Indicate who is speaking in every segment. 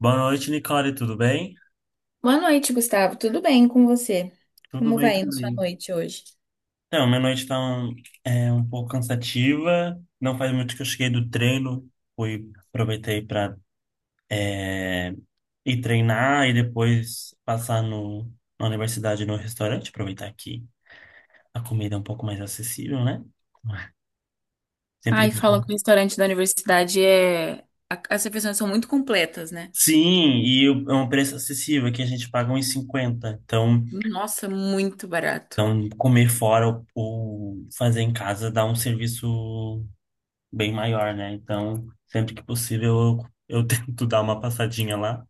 Speaker 1: Boa noite, Nicole, tudo bem?
Speaker 2: Boa noite, Gustavo. Tudo bem com você?
Speaker 1: Tudo
Speaker 2: Como
Speaker 1: bem
Speaker 2: vai na sua
Speaker 1: também.
Speaker 2: noite hoje?
Speaker 1: Então, minha noite tá um pouco cansativa. Não faz muito que eu cheguei do treino. Fui, aproveitei para ir treinar e depois passar na universidade, no restaurante. Aproveitar que a comida é um pouco mais acessível, né? Sempre
Speaker 2: Ai,
Speaker 1: que dá.
Speaker 2: falam que o restaurante da universidade As refeições são muito completas, né?
Speaker 1: Sim, é um preço acessível, que a gente paga uns 50. Então,
Speaker 2: Nossa, muito barato.
Speaker 1: então comer fora ou fazer em casa dá um serviço bem maior, né? Então, sempre que possível, eu tento dar uma passadinha lá.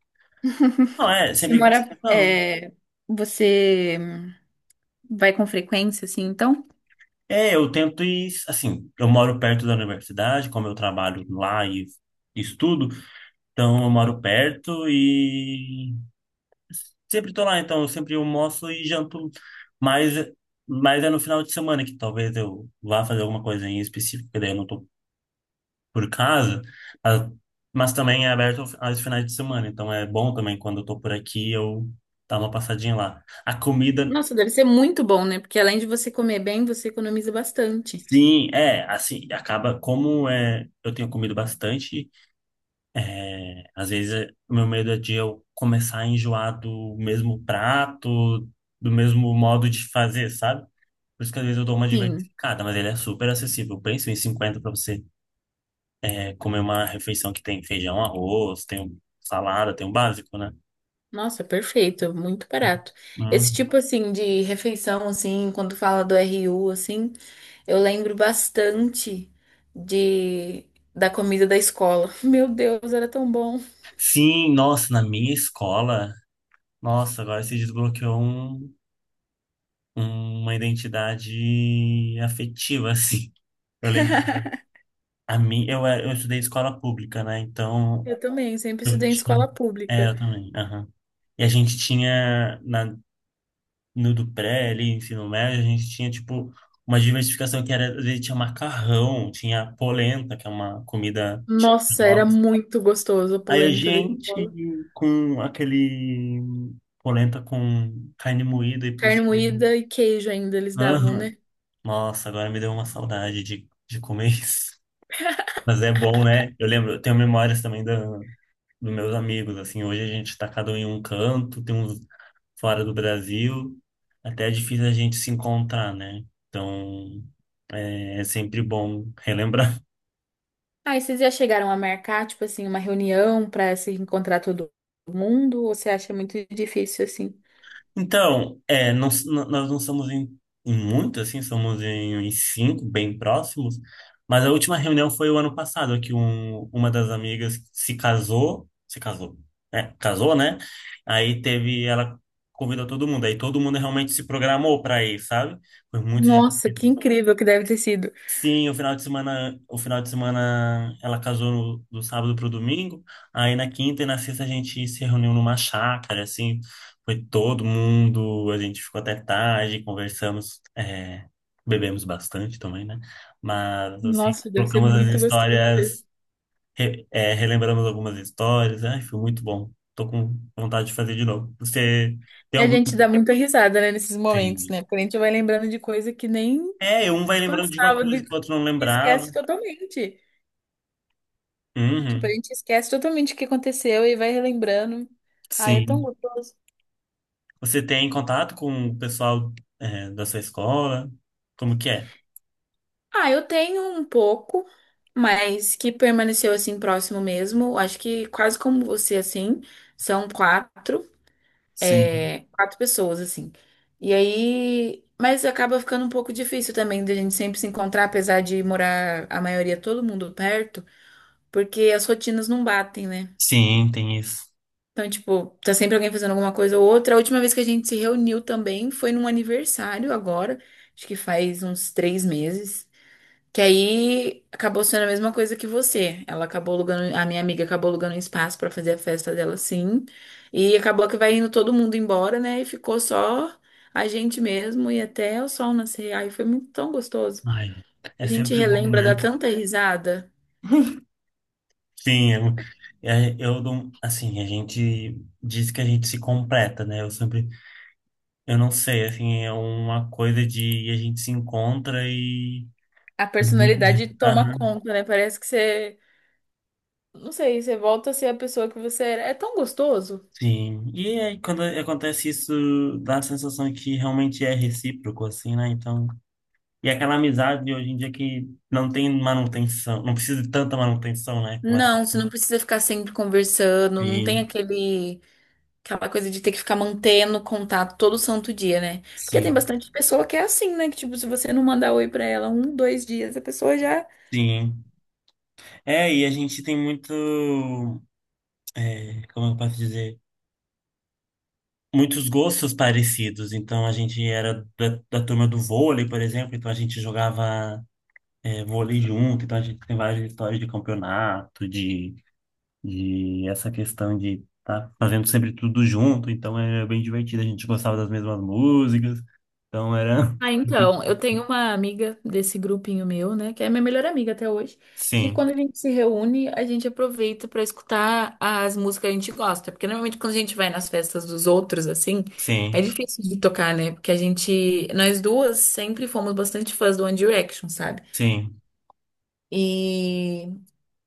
Speaker 1: Não,
Speaker 2: Você
Speaker 1: sempre que possível,
Speaker 2: mora,
Speaker 1: não.
Speaker 2: é, você vai com frequência, assim, então?
Speaker 1: É, eu tento ir, assim, eu moro perto da universidade, como eu trabalho lá e estudo, então eu moro perto e sempre tô lá, então eu sempre almoço e janto, mas, mas é no final de semana que talvez eu vá fazer alguma coisa em específico, que daí eu não tô por casa, mas, mas também é aberto aos finais de semana, então é bom também quando eu tô por aqui eu dar uma passadinha lá. A comida,
Speaker 2: Nossa, deve ser muito bom, né? Porque além de você comer bem, você economiza bastante.
Speaker 1: sim, assim, acaba como é, eu tenho comido bastante, o meu medo é de eu começar a enjoar do mesmo prato, do mesmo modo de fazer, sabe? Por isso que às vezes eu dou uma
Speaker 2: Sim.
Speaker 1: diversificada, mas ele é super acessível. Pensa em 50 para você comer uma refeição que tem feijão, arroz, tem um salada, tem o básico, né?
Speaker 2: Nossa, perfeito, muito barato. Esse
Speaker 1: Hum.
Speaker 2: tipo assim de refeição assim, quando fala do RU assim, eu lembro bastante de da comida da escola. Meu Deus, era tão bom.
Speaker 1: Sim, nossa, na minha escola, nossa, agora se desbloqueou uma identidade afetiva, assim. Eu lembro, a mim, eu estudei escola pública, né? Então,
Speaker 2: Eu também, sempre
Speaker 1: eu
Speaker 2: estudei em escola
Speaker 1: tinha. É,
Speaker 2: pública.
Speaker 1: eu também. Aham. E a gente tinha, na, no do pré, ali, ensino médio, a gente tinha, tipo, uma diversificação que era, às vezes, tinha macarrão, tinha polenta, que é uma comida típica.
Speaker 2: Nossa, era muito gostoso a
Speaker 1: Aí a
Speaker 2: polenta da
Speaker 1: gente
Speaker 2: escola.
Speaker 1: com aquele polenta com carne moída e por
Speaker 2: Carne
Speaker 1: cima.
Speaker 2: moída e queijo ainda eles davam,
Speaker 1: Aham.
Speaker 2: né?
Speaker 1: Nossa, agora me deu uma saudade de comer isso. Mas é bom, né? Eu lembro, eu tenho memórias também da, dos meus amigos, assim, hoje a gente tá cada um em um canto, tem uns fora do Brasil, até é difícil a gente se encontrar, né? Então, é sempre bom relembrar.
Speaker 2: Ah, e vocês já chegaram a marcar, tipo assim, uma reunião para se encontrar todo mundo? Ou você acha muito difícil assim?
Speaker 1: Então, não, nós não somos em, em, muito, assim, somos em cinco, bem próximos, mas a última reunião foi o ano passado, que uma das amigas se casou, né? Casou, né? Aí teve, ela convidou todo mundo, aí todo mundo realmente se programou para ir, sabe? Foi muito
Speaker 2: Nossa, que
Speaker 1: divertido.
Speaker 2: incrível que deve ter sido.
Speaker 1: Sim, o final de semana, o final de semana ela casou do sábado pro domingo. Aí na quinta e na sexta a gente se reuniu numa chácara, assim, foi todo mundo, a gente ficou até tarde, conversamos, bebemos bastante também, né? Mas assim,
Speaker 2: Nossa, deve ser
Speaker 1: trocamos as
Speaker 2: muito gostoso
Speaker 1: histórias,
Speaker 2: mesmo.
Speaker 1: relembramos algumas histórias, ai, foi muito bom. Tô com vontade de fazer de novo. Você tem
Speaker 2: E a
Speaker 1: algum?
Speaker 2: gente dá muita risada, né, nesses momentos,
Speaker 1: Tem.
Speaker 2: né? Porque a gente vai lembrando de coisa que nem
Speaker 1: É, um vai
Speaker 2: se
Speaker 1: lembrando de uma
Speaker 2: passava,
Speaker 1: coisa que o outro não lembrava.
Speaker 2: esquece totalmente. Tipo, a
Speaker 1: Uhum.
Speaker 2: gente esquece totalmente o que aconteceu e vai relembrando. Ai, é tão
Speaker 1: Sim.
Speaker 2: gostoso.
Speaker 1: Você tem contato com o pessoal, da sua escola? Como que é?
Speaker 2: Ah, eu tenho um pouco, mas que permaneceu assim próximo mesmo. Acho que quase como você, assim, são quatro.
Speaker 1: Sim,
Speaker 2: É, quatro pessoas, assim. E aí. Mas acaba ficando um pouco difícil também da gente sempre se encontrar, apesar de morar a maioria, todo mundo perto, porque as rotinas não batem, né?
Speaker 1: sim, tem isso.
Speaker 2: Então, tipo, tá sempre alguém fazendo alguma coisa ou outra. A última vez que a gente se reuniu também foi num aniversário agora, acho que faz uns três meses. Que aí acabou sendo a mesma coisa que você. Ela acabou alugando, a minha amiga acabou alugando um espaço pra fazer a festa dela, sim. E acabou que vai indo todo mundo embora, né? E ficou só a gente mesmo e até o sol nascer. Aí foi muito tão gostoso.
Speaker 1: Ai, é
Speaker 2: A gente
Speaker 1: sempre bom,
Speaker 2: relembra,
Speaker 1: né?
Speaker 2: dá tanta risada.
Speaker 1: Sim, eu não, assim, a gente diz que a gente se completa, né? Eu sempre, eu não sei, assim, é uma coisa de a gente se encontra e.
Speaker 2: A personalidade toma
Speaker 1: Aham,
Speaker 2: conta, né? Parece que você, não sei, você volta a ser a pessoa que você era. É tão gostoso.
Speaker 1: sim. E aí, quando acontece isso, dá a sensação que realmente é recíproco, assim, né? Então. E aquela amizade de hoje em dia que não tem manutenção, não precisa de tanta manutenção, né? Como a
Speaker 2: Não, você
Speaker 1: gente-.
Speaker 2: não precisa ficar sempre conversando, não tem
Speaker 1: Sim,
Speaker 2: aquele Aquela coisa de ter que ficar mantendo contato todo santo dia, né? Porque tem
Speaker 1: sim,
Speaker 2: bastante pessoa que é assim, né? Que, tipo, se você não mandar oi pra ela um, dois dias, a pessoa já.
Speaker 1: sim. É, e a gente tem muito, como eu posso dizer, muitos gostos parecidos. Então a gente era da turma do vôlei, por exemplo, então a gente jogava, vôlei junto, então a gente tem várias histórias de campeonato, de essa questão de estar fazendo sempre tudo junto, então era bem divertido, a gente gostava das mesmas músicas, então era.
Speaker 2: Ah, então, eu tenho uma amiga desse grupinho meu, né, que é minha melhor amiga até hoje, que
Speaker 1: Sim,
Speaker 2: quando a gente se reúne, a gente aproveita pra escutar as músicas que a gente gosta, porque normalmente quando a gente vai nas festas dos outros assim, é
Speaker 1: sim,
Speaker 2: difícil de tocar, né? Porque a gente, nós duas sempre fomos bastante fãs do One Direction, sabe?
Speaker 1: sim.
Speaker 2: E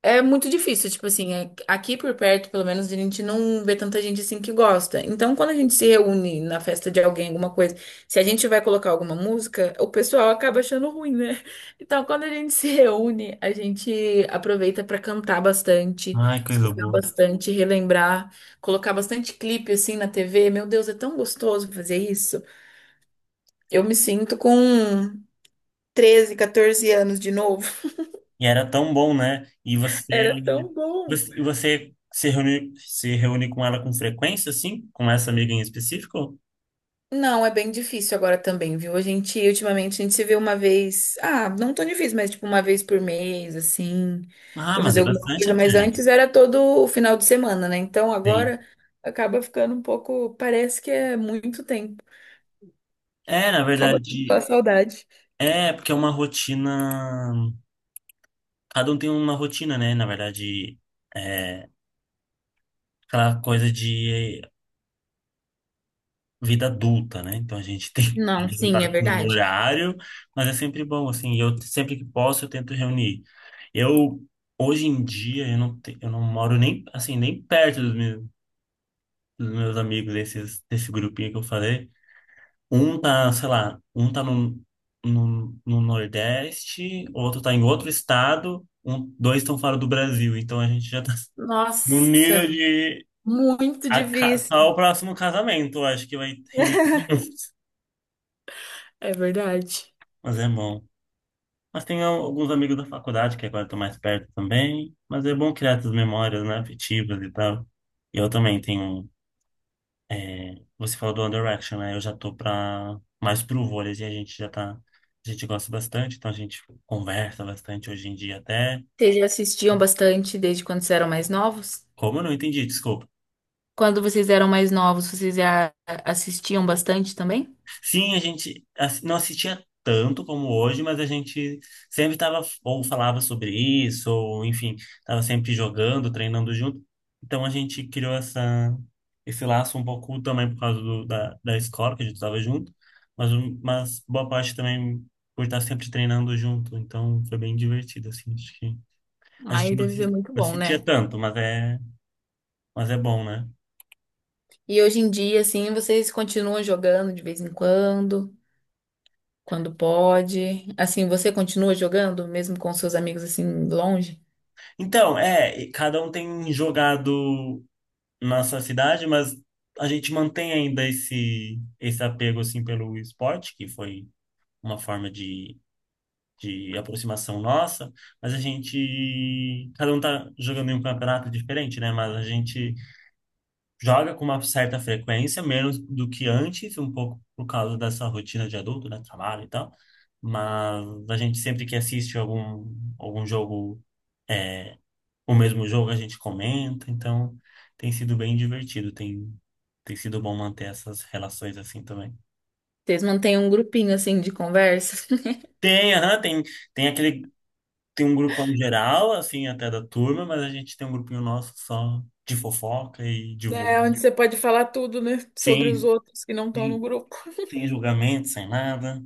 Speaker 2: é muito difícil, tipo assim, aqui por perto, pelo menos, a gente não vê tanta gente assim que gosta. Então, quando a gente se reúne na festa de alguém, alguma coisa, se a gente vai colocar alguma música, o pessoal acaba achando ruim, né? Então, quando a gente se reúne, a gente aproveita pra cantar bastante,
Speaker 1: Ai, coisa
Speaker 2: escutar
Speaker 1: boa.
Speaker 2: bastante, relembrar, colocar bastante clipe assim na TV. Meu Deus, é tão gostoso fazer isso. Eu me sinto com 13, 14 anos de novo.
Speaker 1: E era tão bom, né? E você,
Speaker 2: Era tão bom.
Speaker 1: e você se reúne com ela com frequência, assim? Com essa amiga em específico?
Speaker 2: Não, é bem difícil agora também, viu? A gente, ultimamente, a gente se vê uma vez. Ah, não tão difícil, mas tipo uma vez por mês, assim,
Speaker 1: Ah,
Speaker 2: pra
Speaker 1: mas
Speaker 2: fazer
Speaker 1: é
Speaker 2: alguma
Speaker 1: bastante
Speaker 2: coisa.
Speaker 1: até,
Speaker 2: Mas
Speaker 1: né?
Speaker 2: antes era todo o final de semana, né? Então
Speaker 1: Sim.
Speaker 2: agora acaba ficando um pouco. Parece que é muito tempo.
Speaker 1: É, na
Speaker 2: Acaba pela
Speaker 1: verdade,
Speaker 2: saudade.
Speaker 1: porque é uma rotina. Cada um tem uma rotina, né? Na verdade, é aquela coisa de vida adulta, né? Então a gente tem
Speaker 2: Não,
Speaker 1: que
Speaker 2: sim, é
Speaker 1: lidar com o
Speaker 2: verdade.
Speaker 1: horário, mas é sempre bom, assim, e eu sempre que posso eu tento reunir. Eu, hoje em dia, eu não moro nem, assim, nem perto dos meus amigos, desse grupinho que eu falei. Um tá, sei lá, um tá no Nordeste, outro tá em outro estado, um, dois estão fora do Brasil, então a gente já tá num
Speaker 2: Nossa,
Speaker 1: nível de...
Speaker 2: muito difícil.
Speaker 1: Tá o próximo casamento, eu acho que vai reunir todo mundo.
Speaker 2: É verdade.
Speaker 1: Mas é bom. Mas tem alguns amigos da faculdade que agora estão mais perto também. Mas é bom criar essas memórias, né, afetivas e tal. E eu também tenho. Você falou do One Direction, né? Eu já tô mais pro vôlei e a gente já tá. A gente gosta bastante, então a gente conversa bastante hoje em dia até.
Speaker 2: Vocês já assistiam bastante desde quando vocês eram mais novos?
Speaker 1: Como eu não entendi, desculpa.
Speaker 2: Quando vocês eram mais novos, vocês já assistiam bastante também?
Speaker 1: Sim, a gente não assistia tanto como hoje, mas a gente sempre estava ou falava sobre isso, ou enfim, estava sempre jogando, treinando junto. Então a gente criou esse laço um pouco também por causa da escola, que a gente estava junto, mas boa parte também por estar sempre treinando junto. Então foi bem divertido, assim. Acho que a gente
Speaker 2: Aí deve ser muito
Speaker 1: não
Speaker 2: bom,
Speaker 1: assistia
Speaker 2: né?
Speaker 1: tanto, mas é bom, né?
Speaker 2: E hoje em dia, assim, vocês continuam jogando de vez em quando, quando pode. Assim, você continua jogando, mesmo com seus amigos, assim, longe?
Speaker 1: Então, e cada um tem jogado. Nossa cidade, mas a gente mantém ainda esse apego assim pelo esporte, que foi uma forma de aproximação nossa, mas a gente cada um tá jogando em um campeonato diferente, né? Mas a gente joga com uma certa frequência, menos do que antes, um pouco por causa dessa rotina de adulto, né, trabalho e tal. Mas a gente sempre que assiste algum algum jogo o mesmo jogo a gente comenta, então tem sido bem divertido, tem sido bom manter essas relações assim também.
Speaker 2: Vocês mantêm um grupinho, assim, de conversa?
Speaker 1: Tem, aham, tem aquele, tem um grupão geral, assim, até da turma, mas a gente tem um grupinho nosso só de fofoca e de vô.
Speaker 2: É, onde você pode falar tudo, né? Sobre os
Speaker 1: Sim,
Speaker 2: outros que não estão no
Speaker 1: sim,
Speaker 2: grupo.
Speaker 1: sem julgamento, sem nada.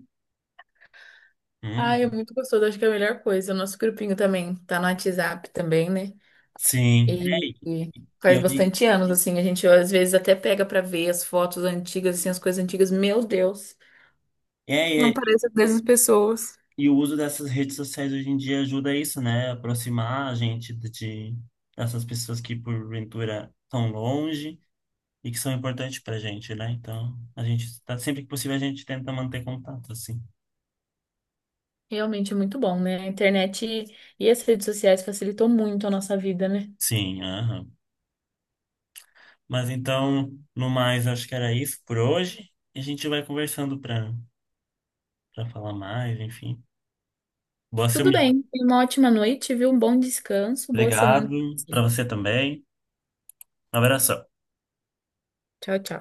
Speaker 1: Hum,
Speaker 2: Ai, é muito gostoso, acho que é a melhor coisa. O nosso grupinho também tá no WhatsApp também, né?
Speaker 1: sim. É,
Speaker 2: E
Speaker 1: e
Speaker 2: faz
Speaker 1: hoje-
Speaker 2: bastante anos, assim, a gente às vezes até pega pra ver as fotos antigas, assim, as coisas antigas. Meu Deus!
Speaker 1: é,
Speaker 2: Não
Speaker 1: é,
Speaker 2: parece dessas pessoas.
Speaker 1: e o uso dessas redes sociais hoje em dia ajuda a isso, né? Aproximar a gente de- dessas pessoas que porventura estão longe. E que são importantes pra gente, né? Então, a gente tá sempre que possível a gente tenta manter contato, assim.
Speaker 2: Realmente é muito bom, né? A internet e as redes sociais facilitou muito a nossa vida, né?
Speaker 1: Sim, aham. Mas então, no mais, acho que era isso por hoje. E a gente vai conversando pra para falar mais, enfim. Boa
Speaker 2: Tudo
Speaker 1: semana.
Speaker 2: bem, tenha uma ótima noite, viu? Um bom descanso, boa semana pra
Speaker 1: Obrigado para
Speaker 2: você.
Speaker 1: você também. Um abraço.
Speaker 2: Tchau, tchau.